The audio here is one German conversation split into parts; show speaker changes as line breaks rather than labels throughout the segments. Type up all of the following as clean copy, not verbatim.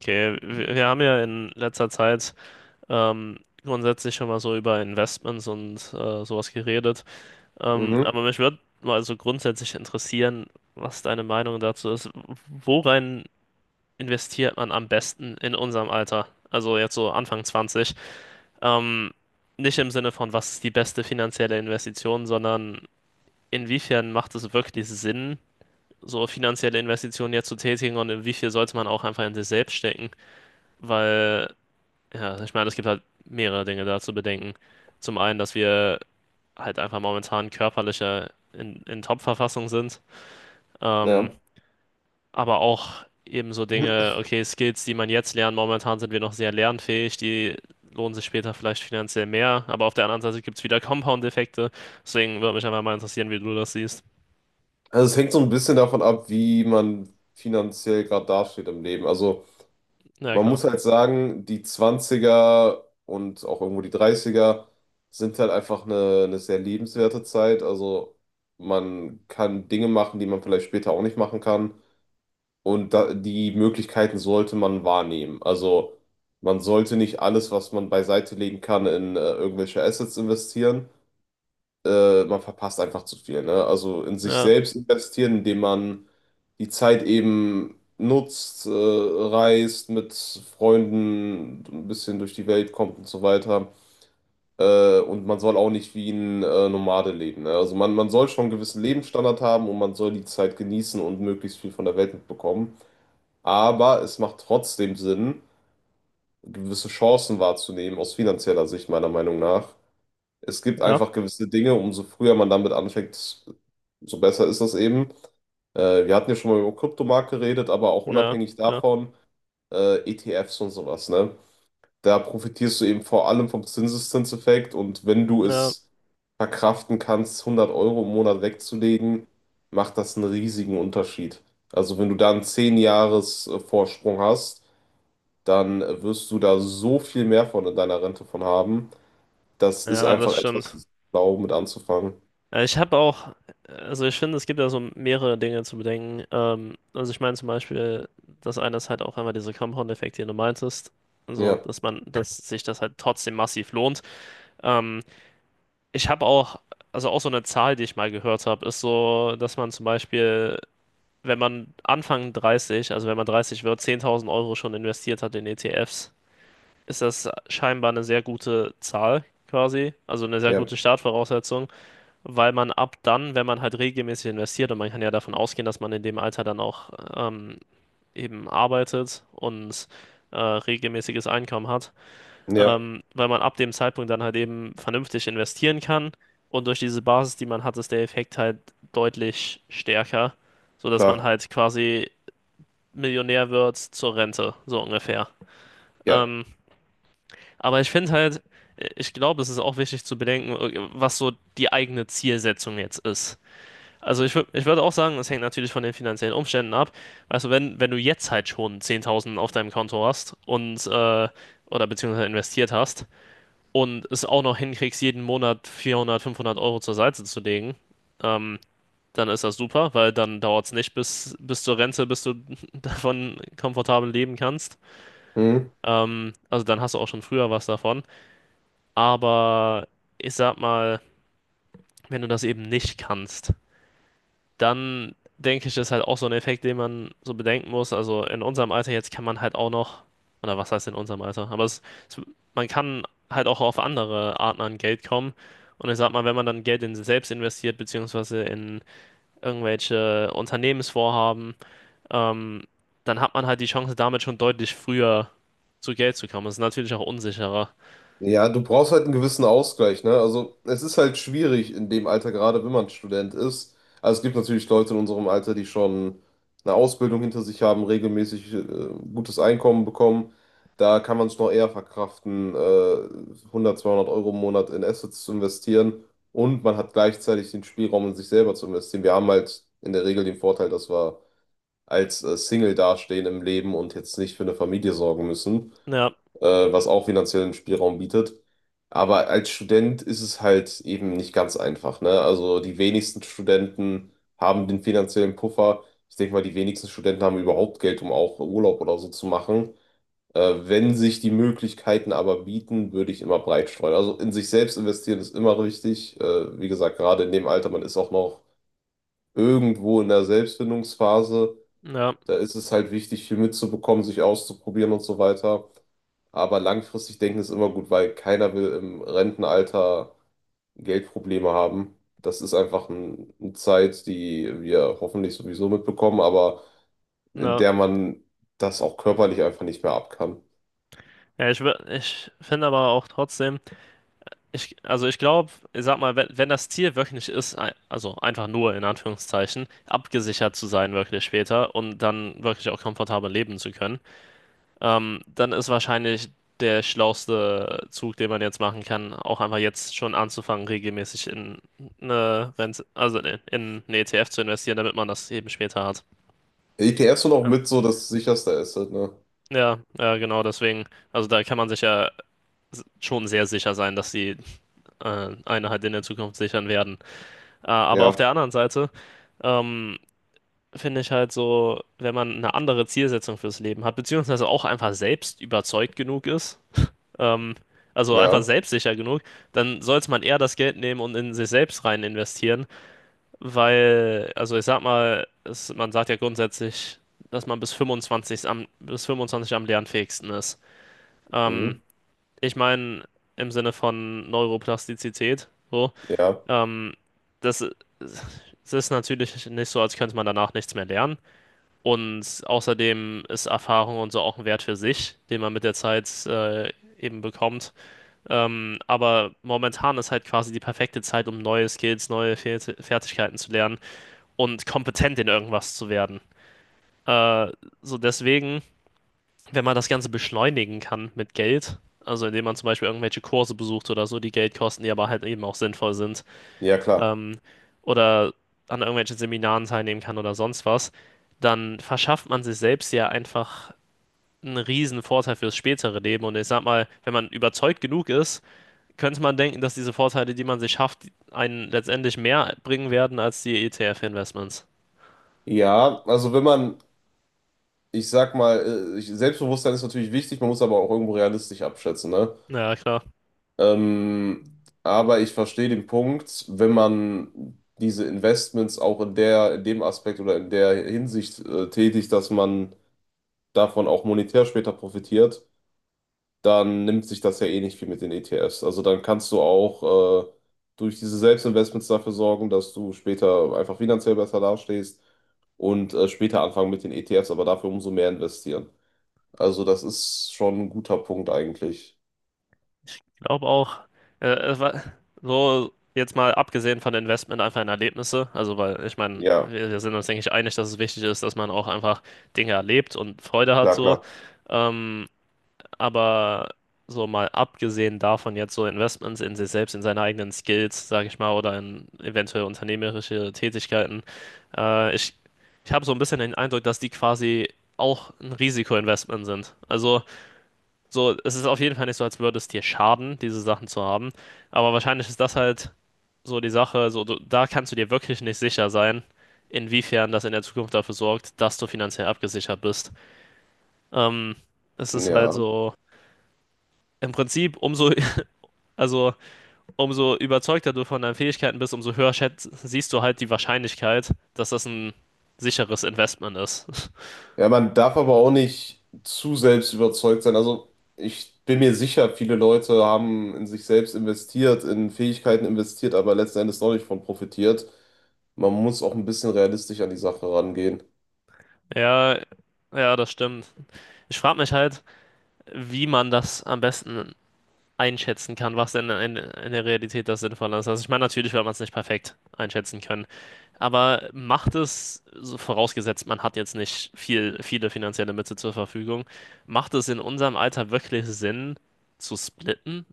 Okay, wir haben ja in letzter Zeit grundsätzlich schon mal so über Investments und sowas geredet.
Mhm,
Aber mich würde mal so grundsätzlich interessieren, was deine Meinung dazu ist. Worein Investiert man am besten in unserem Alter? Also jetzt so Anfang 20. Ähm, Nicht im Sinne von, was ist die beste finanzielle Investition, sondern inwiefern macht es wirklich Sinn, so finanzielle Investitionen jetzt zu tätigen und inwiefern sollte man auch einfach in sich selbst stecken? Weil Ja, ich meine, es gibt halt mehrere Dinge da zu bedenken. Zum einen, dass wir halt einfach momentan körperlicher in Top-Verfassung sind. Ähm,
ja.
aber auch eben so Dinge, okay, Skills, die man jetzt lernt, momentan sind wir noch sehr lernfähig, die lohnen sich später vielleicht finanziell mehr. Aber auf der anderen Seite gibt es wieder Compound-Effekte. Deswegen würde mich einfach mal interessieren, wie du das siehst.
Also es hängt so ein bisschen davon ab, wie man finanziell gerade dasteht im Leben. Also
Ja,
man
klar.
muss halt sagen, die Zwanziger und auch irgendwo die Dreißiger sind halt einfach eine sehr lebenswerte Zeit. Also man kann Dinge machen, die man vielleicht später auch nicht machen kann. Und da, die Möglichkeiten sollte man wahrnehmen. Also man sollte nicht alles, was man beiseite legen kann, in irgendwelche Assets investieren. Man verpasst einfach zu viel, ne? Also in sich
Ja,
selbst investieren, indem man die Zeit eben nutzt, reist, mit Freunden ein bisschen durch die Welt kommt und so weiter. Und man soll auch nicht wie ein Nomade leben, ne? Also man soll schon einen gewissen Lebensstandard haben und man soll die Zeit genießen und möglichst viel von der Welt mitbekommen. Aber es macht trotzdem Sinn, gewisse Chancen wahrzunehmen, aus finanzieller Sicht meiner Meinung nach. Es gibt
ja,
einfach gewisse Dinge, umso früher man damit anfängt, so besser ist das eben. Wir hatten ja schon mal über Kryptomarkt geredet, aber auch
ja,
unabhängig
ja,
davon, ETFs und sowas, ne? Da profitierst du eben vor allem vom Zinseszinseffekt und wenn du
ja,
es verkraften kannst, 100 Euro im Monat wegzulegen, macht das einen riesigen Unterschied. Also wenn du da einen 10-Jahres-Vorsprung hast, dann wirst du da so viel mehr von in deiner Rente von haben. Das ist
ja, das
einfach etwas,
stimmt.
das blau mit anzufangen.
Ich habe also ich finde, es gibt da so mehrere Dinge zu bedenken. Also ich meine zum Beispiel, das eine ist halt auch einmal dieser Compound-Effekt, den du meintest. Also,
Ja,
dass sich das halt trotzdem massiv lohnt. Ähm, Ich habe auch, also auch so eine Zahl, die ich mal gehört habe, ist so, dass man zum Beispiel, wenn man Anfang 30, also wenn man 30 wird, 10.000 Euro schon investiert hat in ETFs, ist das scheinbar eine sehr gute Zahl quasi, also eine sehr
ja,
gute Startvoraussetzung, weil man ab dann, wenn man halt regelmäßig investiert, und man kann ja davon ausgehen, dass man in dem Alter dann auch eben arbeitet und regelmäßiges Einkommen hat,
ja,
weil man ab dem Zeitpunkt dann halt eben vernünftig investieren kann und durch diese Basis, die man hat, ist der Effekt halt deutlich stärker, sodass man
klar,
halt quasi Millionär wird zur Rente, so ungefähr.
ja.
Ähm, aber ich finde halt, ich glaube, es ist auch wichtig zu bedenken, was so die eigene Zielsetzung jetzt ist. Ich würde auch sagen, es hängt natürlich von den finanziellen Umständen ab. Also wenn du jetzt halt schon 10.000 auf deinem Konto hast und oder beziehungsweise investiert hast und es auch noch hinkriegst, jeden Monat 400, 500 Euro zur Seite zu legen, ähm, dann ist das super, weil dann dauert es nicht bis zur Rente, bis du davon komfortabel leben kannst.
Mhm.
Also dann hast du auch schon früher was davon. Aber ich sag mal, wenn du das eben nicht kannst, dann denke ich, ist halt auch so ein Effekt, den man so bedenken muss. Also in unserem Alter jetzt kann man halt auch noch, oder was heißt in unserem Alter? Es, Man kann halt auch auf andere Arten an Geld kommen. Und ich sag mal, wenn man dann Geld in sich selbst investiert, beziehungsweise in irgendwelche Unternehmensvorhaben, ähm, dann hat man halt die Chance, damit schon deutlich früher zu Geld zu kommen. Das ist natürlich auch unsicherer.
Ja, du brauchst halt einen gewissen Ausgleich, ne? Also es ist halt schwierig in dem Alter, gerade wenn man Student ist. Also es gibt natürlich Leute in unserem Alter, die schon eine Ausbildung hinter sich haben, regelmäßig gutes Einkommen bekommen. Da kann man es noch eher verkraften, 100, 200 Euro im Monat in Assets zu investieren. Und man hat gleichzeitig den Spielraum, in sich selber zu investieren. Wir haben halt in der Regel den Vorteil, dass wir als Single dastehen im Leben und jetzt nicht für eine Familie sorgen müssen,
Ja,
äh, was auch finanziellen Spielraum bietet. Aber als Student ist es halt eben nicht ganz einfach, ne? Also die wenigsten Studenten haben den finanziellen Puffer. Ich denke mal, die wenigsten Studenten haben überhaupt Geld, um auch Urlaub oder so zu machen. Wenn sich die Möglichkeiten aber bieten, würde ich immer breit streuen. Also in sich selbst investieren ist immer wichtig. Wie gesagt, gerade in dem Alter, man ist auch noch irgendwo in der Selbstfindungsphase.
ja,
Da ist es halt wichtig, viel mitzubekommen, sich auszuprobieren und so weiter. Aber langfristig denken ist immer gut, weil keiner will im Rentenalter Geldprobleme haben. Das ist einfach eine Zeit, die wir hoffentlich sowieso mitbekommen, aber in
ja.
der man das auch körperlich einfach nicht mehr ab kann.
Ich finde aber auch trotzdem. Also ich glaube, ich sag mal, wenn das Ziel wirklich ist, also einfach nur in Anführungszeichen, abgesichert zu sein wirklich später und dann wirklich auch komfortabel leben zu können, dann ist wahrscheinlich der schlauste Zug, den man jetzt machen kann, auch einfach jetzt schon anzufangen, regelmäßig in eine Rente, in einen ETF zu investieren, damit man das eben später hat.
ETFs sind auch
Ähm,
mit so das sicherste Asset, ne?
ja, ja, genau, deswegen, also da kann man sich ja schon sehr sicher sein, dass die eine halt in der Zukunft sichern werden. Ah, aber auf der
Ja,
anderen Seite ähm, finde ich halt so, wenn man eine andere Zielsetzung fürs Leben hat, beziehungsweise auch einfach selbst überzeugt genug ist, ähm, also einfach
ja,
selbstsicher genug, dann sollte man eher das Geld nehmen und in sich selbst rein investieren, weil, also ich sag mal, es, man sagt ja grundsätzlich, dass man bis 25 am, bis 25 am lernfähigsten ist. Ähm,
mhm,
Ich meine, im Sinne von Neuroplastizität, so.
ja,
Ähm, das, Es ist natürlich nicht so, als könnte man danach nichts mehr lernen. Und außerdem ist Erfahrung und so auch ein Wert für sich, den man mit der Zeit eben bekommt. Aber momentan ist halt quasi die perfekte Zeit, um neue Skills, neue Fertigkeiten zu lernen und kompetent in irgendwas zu werden. Äh, Deswegen, wenn man das Ganze beschleunigen kann mit Geld, also indem man zum Beispiel irgendwelche Kurse besucht oder so, die Geld kosten, die aber halt eben auch sinnvoll sind,
ja, klar.
ähm, oder an irgendwelchen Seminaren teilnehmen kann oder sonst was, dann verschafft man sich selbst ja einfach einen riesen Vorteil fürs spätere Leben. Und ich sag mal, wenn man überzeugt genug ist, könnte man denken, dass diese Vorteile, die man sich schafft, einen letztendlich mehr bringen werden als die ETF-Investments.
Ja, also wenn man, ich sag mal, Selbstbewusstsein ist natürlich wichtig, man muss aber auch irgendwo realistisch abschätzen, ne?
Ja, klar.
Ähm, aber ich verstehe den Punkt, wenn man diese Investments auch in dem Aspekt oder in der Hinsicht tätigt, dass man davon auch monetär später profitiert, dann nimmt sich das ja eh nicht viel mit den ETFs. Also dann kannst du auch durch diese Selbstinvestments dafür sorgen, dass du später einfach finanziell besser dastehst und später anfangen mit den ETFs, aber dafür umso mehr investieren. Also das ist schon ein guter Punkt eigentlich.
Ich glaube auch, äh, es war- so jetzt mal abgesehen von Investment einfach in Erlebnisse. Also, weil ich meine,
Ja,
wir sind uns, denke ich, einig, dass es wichtig ist, dass man auch einfach Dinge erlebt und Freude hat
klar,
so.
klar.
Ähm, Aber so mal abgesehen davon jetzt so Investments in sich selbst, in seine eigenen Skills, sage ich mal, oder in eventuell unternehmerische Tätigkeiten, äh, ich, ich habe so ein bisschen den Eindruck, dass die quasi auch ein Risikoinvestment sind. Also so, es ist auf jeden Fall nicht so, als würde es dir schaden, diese Sachen zu haben. Aber wahrscheinlich ist das halt so die Sache, so du, da kannst du dir wirklich nicht sicher sein, inwiefern das in der Zukunft dafür sorgt, dass du finanziell abgesichert bist. Ähm, Es ist halt
Ja.
so. Im Prinzip, umso Also, Umso überzeugter du von deinen Fähigkeiten bist, umso höher siehst du halt die Wahrscheinlichkeit, dass das ein sicheres Investment ist.
Ja, man darf aber auch nicht zu selbst überzeugt sein. Also ich bin mir sicher, viele Leute haben in sich selbst investiert, in Fähigkeiten investiert, aber letzten Endes noch nicht von profitiert. Man muss auch ein bisschen realistisch an die Sache rangehen.
Ja, ja, das stimmt. Ich frage mich halt, wie man das am besten einschätzen kann, was denn in der Realität das Sinnvolle ist. Also, ich meine, natürlich wird man es nicht perfekt einschätzen können. Aber macht es, so vorausgesetzt, man hat jetzt nicht viel, viele finanzielle Mittel zur Verfügung, macht es in unserem Alter wirklich Sinn zu splitten?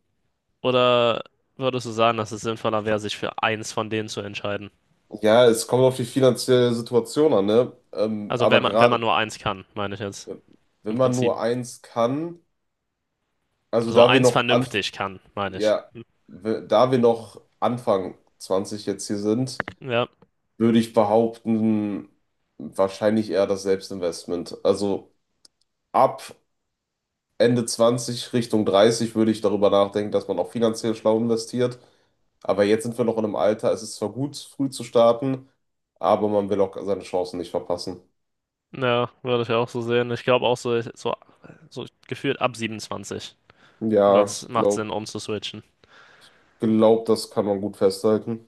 Oder würdest du sagen, dass es sinnvoller wäre, sich für eins von denen zu entscheiden?
Ja, es kommt auf die finanzielle Situation an, ne? Aber
Wenn man
gerade,
nur eins kann, meine ich jetzt.
ja,
Im
wenn man
Prinzip.
nur eins kann, also
Also
da wir
eins
noch anf
vernünftig kann, meine ich.
ja, da wir noch Anfang 20 jetzt hier sind,
Ja,
würde ich behaupten, wahrscheinlich eher das Selbstinvestment. Also ab Ende 20 Richtung 30 würde ich darüber nachdenken, dass man auch finanziell schlau investiert. Aber jetzt sind wir noch in einem Alter, es ist zwar gut, früh zu starten, aber man will auch seine Chancen nicht verpassen.
ja, würde ich auch so sehen. Ich glaube auch so gefühlt ab 27
Ja,
wird's,
ich
macht
glaube,
Sinn, umzuswitchen.
glaub, glaub, das kann man gut festhalten.